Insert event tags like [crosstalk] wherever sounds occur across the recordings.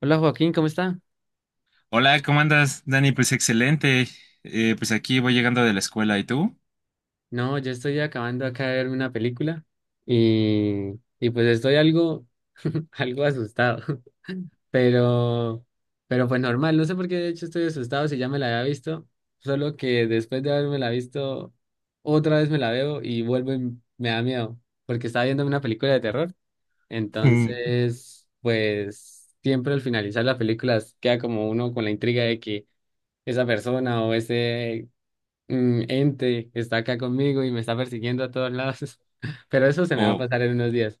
Hola Joaquín, ¿cómo está? Hola, ¿cómo andas, Dani? Pues excelente. Pues aquí voy llegando de la escuela, ¿y tú? No, yo estoy acabando acá de ver una película y, y pues estoy [laughs] algo asustado, [laughs] pero, pero pues normal, no sé por qué de hecho estoy asustado si ya me la había visto, solo que después de haberme la visto, otra vez me la veo y vuelvo y me da miedo, porque estaba viendo una película de terror, entonces pues siempre al finalizar la película queda como uno con la intriga de que esa persona o ese ente está acá conmigo y me está persiguiendo a todos lados. [laughs] Pero eso se me va a O pasar en unos días.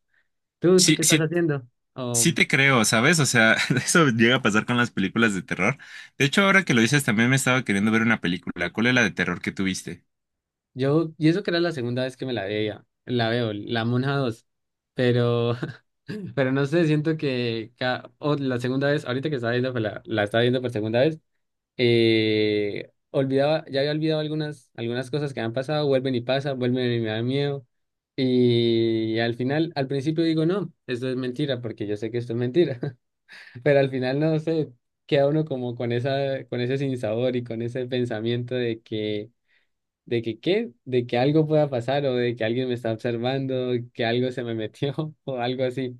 Tú sí, qué estás sí, haciendo? sí Oh, te creo, ¿sabes? O sea, [laughs] eso llega a pasar con las películas de terror. De hecho, ahora que lo dices, también me estaba queriendo ver una película. ¿Cuál es la de terror que tuviste? yo, y eso que era la segunda vez que me la veía, la veo, la Monja dos. Pero, [laughs] pero no sé, siento que o la segunda vez, ahorita que estaba viendo, pues, la estaba viendo por segunda vez, olvidaba, ya había olvidado algunas cosas que han pasado, vuelven y pasan, vuelven y me da miedo. Y al final, al principio digo, no, esto es mentira, porque yo sé que esto es mentira. [laughs] Pero al final no sé, queda uno como con esa, con ese sinsabor y con ese pensamiento de que qué, de que algo pueda pasar o de que alguien me está observando, que algo se me metió [laughs] o algo así.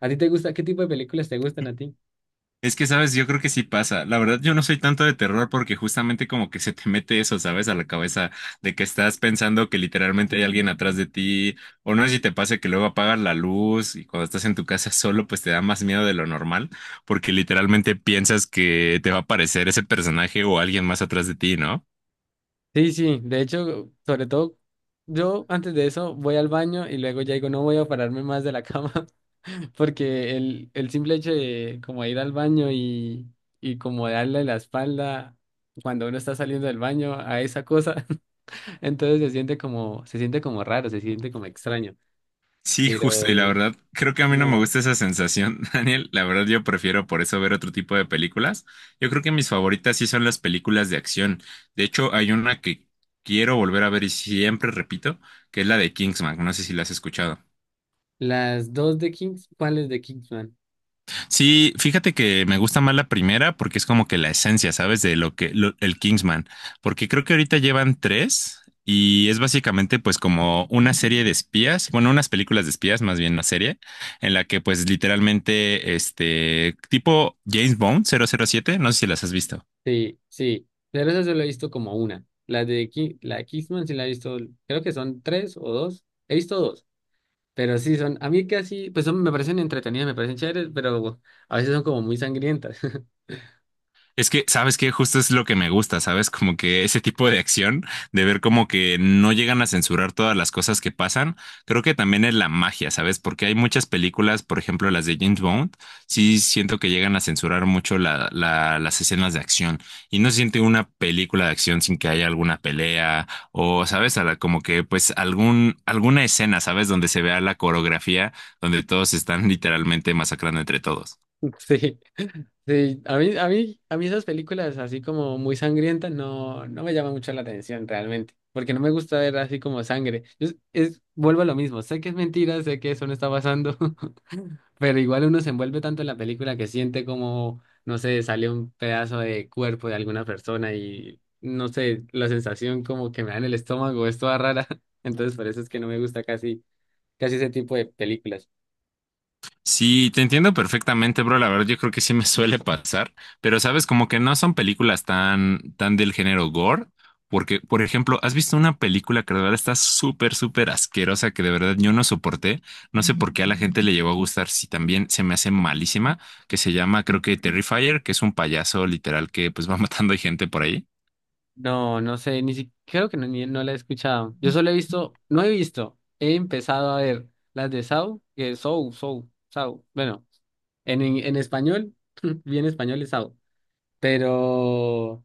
¿A ti te gusta? ¿Qué tipo de películas te gustan a ti? Es que, sabes, yo creo que sí pasa. La verdad, yo no soy tanto de terror porque justamente como que se te mete eso, sabes, a la cabeza de que estás pensando que literalmente hay alguien atrás de ti, o no sé si te pasa que luego apagas la luz y cuando estás en tu casa solo, pues te da más miedo de lo normal porque literalmente piensas que te va a aparecer ese personaje o alguien más atrás de ti, ¿no? Sí, sí, de hecho, sobre todo, yo antes de eso voy al baño y luego ya digo, no voy a pararme más de la cama, [laughs] porque el simple hecho de como ir al baño y, como darle la espalda cuando uno está saliendo del baño a esa cosa, [laughs] entonces se siente como raro, se siente como extraño. Sí, Pero justo, y la verdad, creo que a mí no me no, gusta esa sensación, [laughs] Daniel. La verdad, yo prefiero por eso ver otro tipo de películas. Yo creo que mis favoritas sí son las películas de acción. De hecho, hay una que quiero volver a ver y siempre repito, que es la de Kingsman. No sé si la has escuchado. las dos de Kings, ¿cuáles de Kingsman? Sí, fíjate que me gusta más la primera porque es como que la esencia, ¿sabes? De lo que lo- El Kingsman, porque creo que ahorita llevan tres y es básicamente pues como una serie de espías, bueno, unas películas de espías, más bien una serie en la que pues literalmente este tipo James Bond 007, no sé si las has visto. Sí, sí, pero esa solo he visto como una. La de la de Kingsman sí la he visto, creo que son tres o dos. He visto dos, pero sí son, a mí casi, pues son, me parecen entretenidas, me parecen chéveres, pero a veces son como muy sangrientas. [laughs] Es que, ¿sabes qué? Justo es lo que me gusta, ¿sabes? Como que ese tipo de acción, de ver como que no llegan a censurar todas las cosas que pasan, creo que también es la magia, ¿sabes? Porque hay muchas películas, por ejemplo, las de James Bond, sí siento que llegan a censurar mucho las escenas de acción y no se siente una película de acción sin que haya alguna pelea o, ¿sabes? Como que, pues, alguna escena, ¿sabes? Donde se vea la coreografía, donde todos están [laughs] literalmente masacrando entre todos. Sí, sí, a mí esas películas así como muy sangrientas no me llaman mucho la atención realmente, porque no me gusta ver así como sangre. Es, vuelvo a lo mismo, sé que es mentira, sé que eso no está pasando. Pero igual uno se envuelve tanto en la película que siente como, no sé, sale un pedazo de cuerpo de alguna persona y, no sé, la sensación como que me da en el estómago es toda rara. [laughs] Entonces por eso es que no me gusta casi, casi ese tipo de películas. Sí, te entiendo perfectamente, bro. La verdad, yo creo que sí me suele pasar, pero sabes, como que no son películas tan, tan del género gore, porque, por ejemplo, ¿has visto una película que de verdad está súper, súper asquerosa que de verdad yo no soporté? No sé por qué a la gente le llegó a gustar, si también se me hace malísima, que se llama, creo que Terrifier, que es un payaso literal que pues va [laughs] matando gente por ahí. No, no sé, ni siquiera, creo que no, no la he escuchado. Yo solo he visto, no he visto, he empezado a ver las de Saw, que es Saw, Saw, Saw. Bueno, en español, [laughs] bien español es Saw, pero...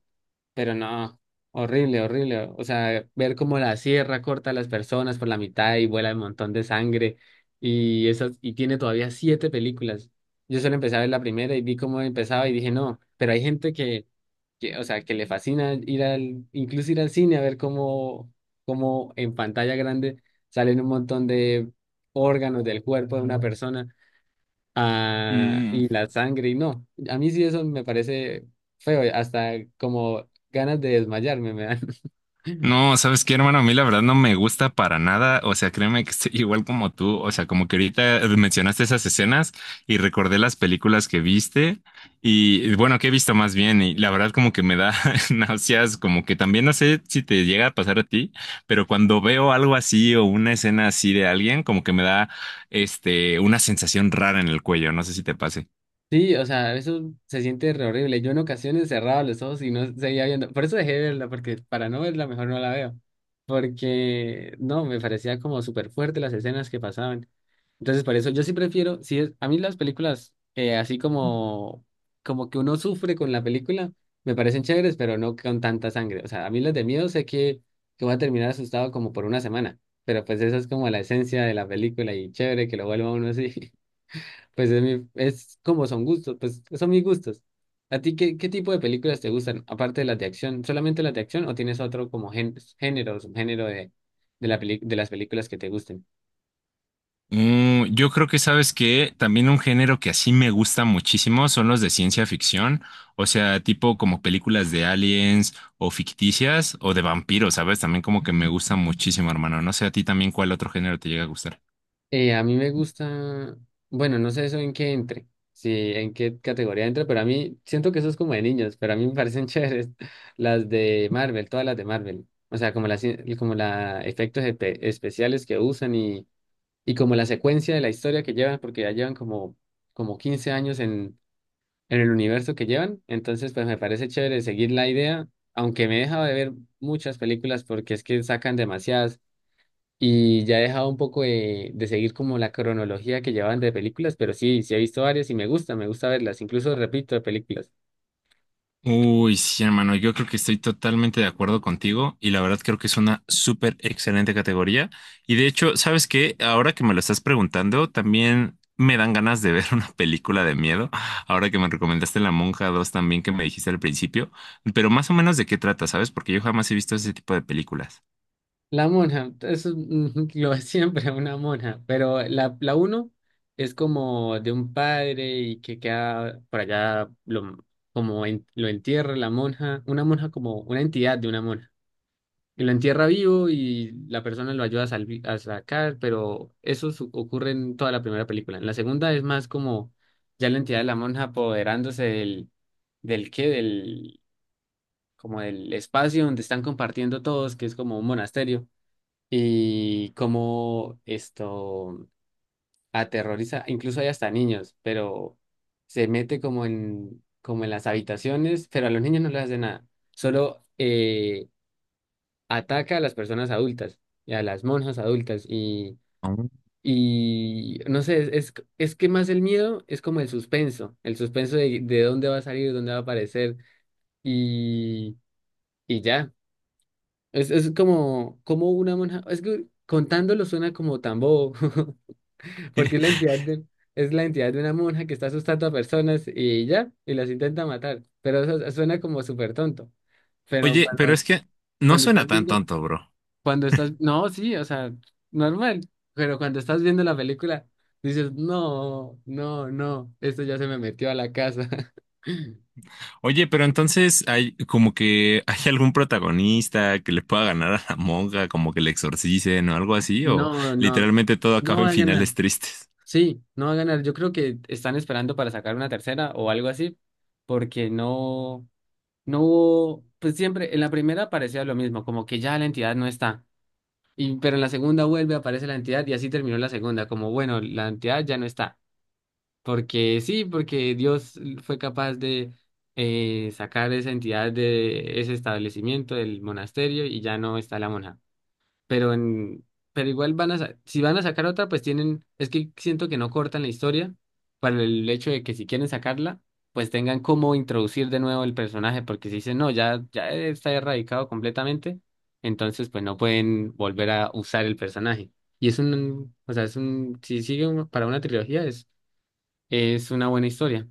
Pero no, horrible, horrible. O sea, ver cómo la sierra corta a las personas por la mitad y vuela un montón de sangre. Y esas, y tiene todavía siete películas. Yo solo empecé a ver la primera y vi cómo empezaba y dije, no, pero hay gente o sea, que le fascina ir al, incluso ir al cine a ver cómo en pantalla grande salen un montón de órganos del cuerpo de una persona. Ah, y la sangre, y no. A mí sí eso me parece feo, hasta como ganas de desmayarme me dan. [laughs] No, ¿sabes qué, hermano? A mí la verdad no me gusta para nada. O sea, créeme que estoy igual como tú. O sea, como que ahorita mencionaste esas escenas y recordé las películas que viste y bueno, que he visto más bien y la verdad como que me da [laughs] náuseas, como que también no sé si te llega a pasar a ti, pero cuando veo algo así o una escena así de alguien, como que me da una sensación rara en el cuello. No sé si te pase. Sí, o sea, eso se siente re horrible. Yo en ocasiones cerraba los ojos y no seguía viendo. Por eso dejé de verla, porque para no verla mejor no la veo. Porque no, me parecía como súper fuerte las escenas que pasaban. Entonces, por eso yo sí prefiero, si es, a mí las películas, así como, como que uno sufre con la película, me parecen chéveres, pero no con tanta sangre. O sea, a mí las de miedo sé que voy a terminar asustado como por una semana, pero pues esa es como la esencia de la película y chévere que lo vuelva uno así. [laughs] Pues es, mi, es como son gustos, pues son mis gustos. ¿A ti qué tipo de películas te gustan, aparte de las de acción? ¿Solamente las de acción o tienes otro como género o subgénero de las películas que te gusten? Yo creo que sabes que también un género que así me gusta muchísimo son los de ciencia ficción, o sea, tipo como películas de aliens o ficticias o de vampiros, ¿sabes? También como que me gusta muchísimo, hermano. No sé a ti también cuál otro género te llega a gustar. A mí me gusta, bueno, no sé eso en qué entre, si en qué categoría entre, pero a mí siento que eso es como de niños, pero a mí me parecen [laughs] chéveres las de Marvel, todas las de Marvel. O sea, como las como la efectos especiales que usan y, como la secuencia de la historia que llevan, porque ya llevan como 15 años en el universo que llevan. Entonces, pues me parece chévere seguir la idea, aunque me he dejado de ver muchas películas porque es que sacan demasiadas. Y ya he dejado un poco de, seguir como la cronología que llevaban de películas, pero sí, sí he visto varias y me gusta verlas, incluso repito de películas. Uy, sí, hermano, yo creo que estoy totalmente de acuerdo contigo y la verdad creo que es una súper excelente categoría. Y de hecho, ¿sabes qué? Ahora que me lo estás preguntando, también me dan ganas de ver [laughs] una película de miedo. Ahora que me recomendaste La Monja 2 también que me dijiste al principio, pero más o menos de qué trata, ¿sabes? Porque yo jamás he visto ese tipo de películas. La monja, eso es [laughs] lo es siempre, una monja, pero la uno es como de un padre y que queda por allá, lo, como lo entierra la monja, una monja como una entidad de una monja. Y lo entierra vivo y la persona lo ayuda a, a sacar, pero eso ocurre en toda la primera película. En la segunda es más como ya la entidad de la monja apoderándose del, como del espacio donde están compartiendo todos, que es como un monasterio, y como esto aterroriza, incluso hay hasta niños, pero se mete como en las habitaciones, pero a los niños no les hace nada. Solo ataca a las personas adultas y a las monjas adultas y, Ah. No sé, es que más el miedo es como el suspenso de dónde va a salir, dónde va a aparecer y, ya. Es como una monja, es que contándolo suena como tan bobo, [laughs] porque [laughs] es la entidad de una monja que está asustando a personas y ya, y las intenta matar, pero eso suena como súper tonto. Pero Oye, pero es que no cuando suena estás tan viendo, tonto, bro. cuando estás, no, sí, o sea, normal, pero cuando estás viendo la película, dices, no, no, no, esto ya se me metió a la casa. [laughs] Oye, pero entonces hay como que hay algún protagonista que le pueda ganar a la monja, como que le exorcicen o algo así, o No, no, literalmente todo no acaba va en a ganar. finales tristes. Sí, no va a ganar. Yo creo que están esperando para sacar una tercera o algo así, porque no hubo, pues siempre, en la primera parecía lo mismo, como que ya la entidad no está. Y, pero en la segunda vuelve, aparece la entidad y así terminó la segunda, como bueno, la entidad ya no está. Porque sí, porque Dios fue capaz de sacar esa entidad de ese establecimiento, del monasterio, y ya no está la monja. Pero en, pero igual van a, si van a sacar otra, pues tienen, es que siento que no cortan la historia para el hecho de que si quieren sacarla, pues tengan cómo introducir de nuevo el personaje, porque si dicen, no, ya, ya está erradicado completamente, entonces pues no pueden volver a usar el personaje. Y es un, o sea, es un, si sigue para una trilogía, es una buena historia.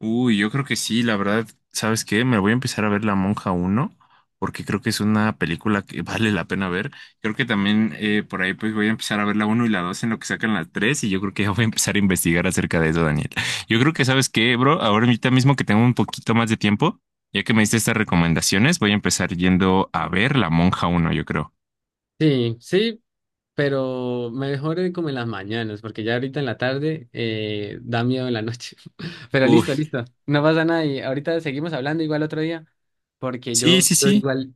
Uy, yo creo que sí, la verdad, ¿sabes qué? Me voy a empezar a ver La Monja uno, porque creo que es una película que [laughs] vale la pena ver. Creo que también por ahí pues voy a empezar a ver la uno y la 2 en lo que sacan las 3. Y yo creo que ya voy a empezar a investigar acerca de eso, Daniel. Yo creo que, ¿sabes qué, bro? Ahora ahorita mismo que tengo un poquito más de tiempo, ya que me diste estas recomendaciones, voy a empezar yendo a ver La Monja uno. Yo creo. Sí, sí, pero mejor como en las mañanas, porque ya ahorita en la tarde da miedo en la noche. [laughs] Pero Uy, listo, listo. No pasa nada y ahorita seguimos hablando igual otro día, porque sí, sí, yo sí. igual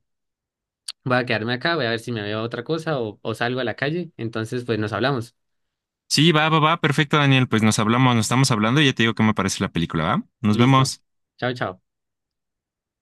voy a quedarme acá, voy a ver si me veo otra cosa o salgo a la calle. Entonces, pues nos hablamos. Sí, va, va, va, perfecto, Daniel. Pues nos hablamos, nos estamos hablando y ya te digo qué me parece la película, ¿va? Nos Listo. vemos. Chao, chao.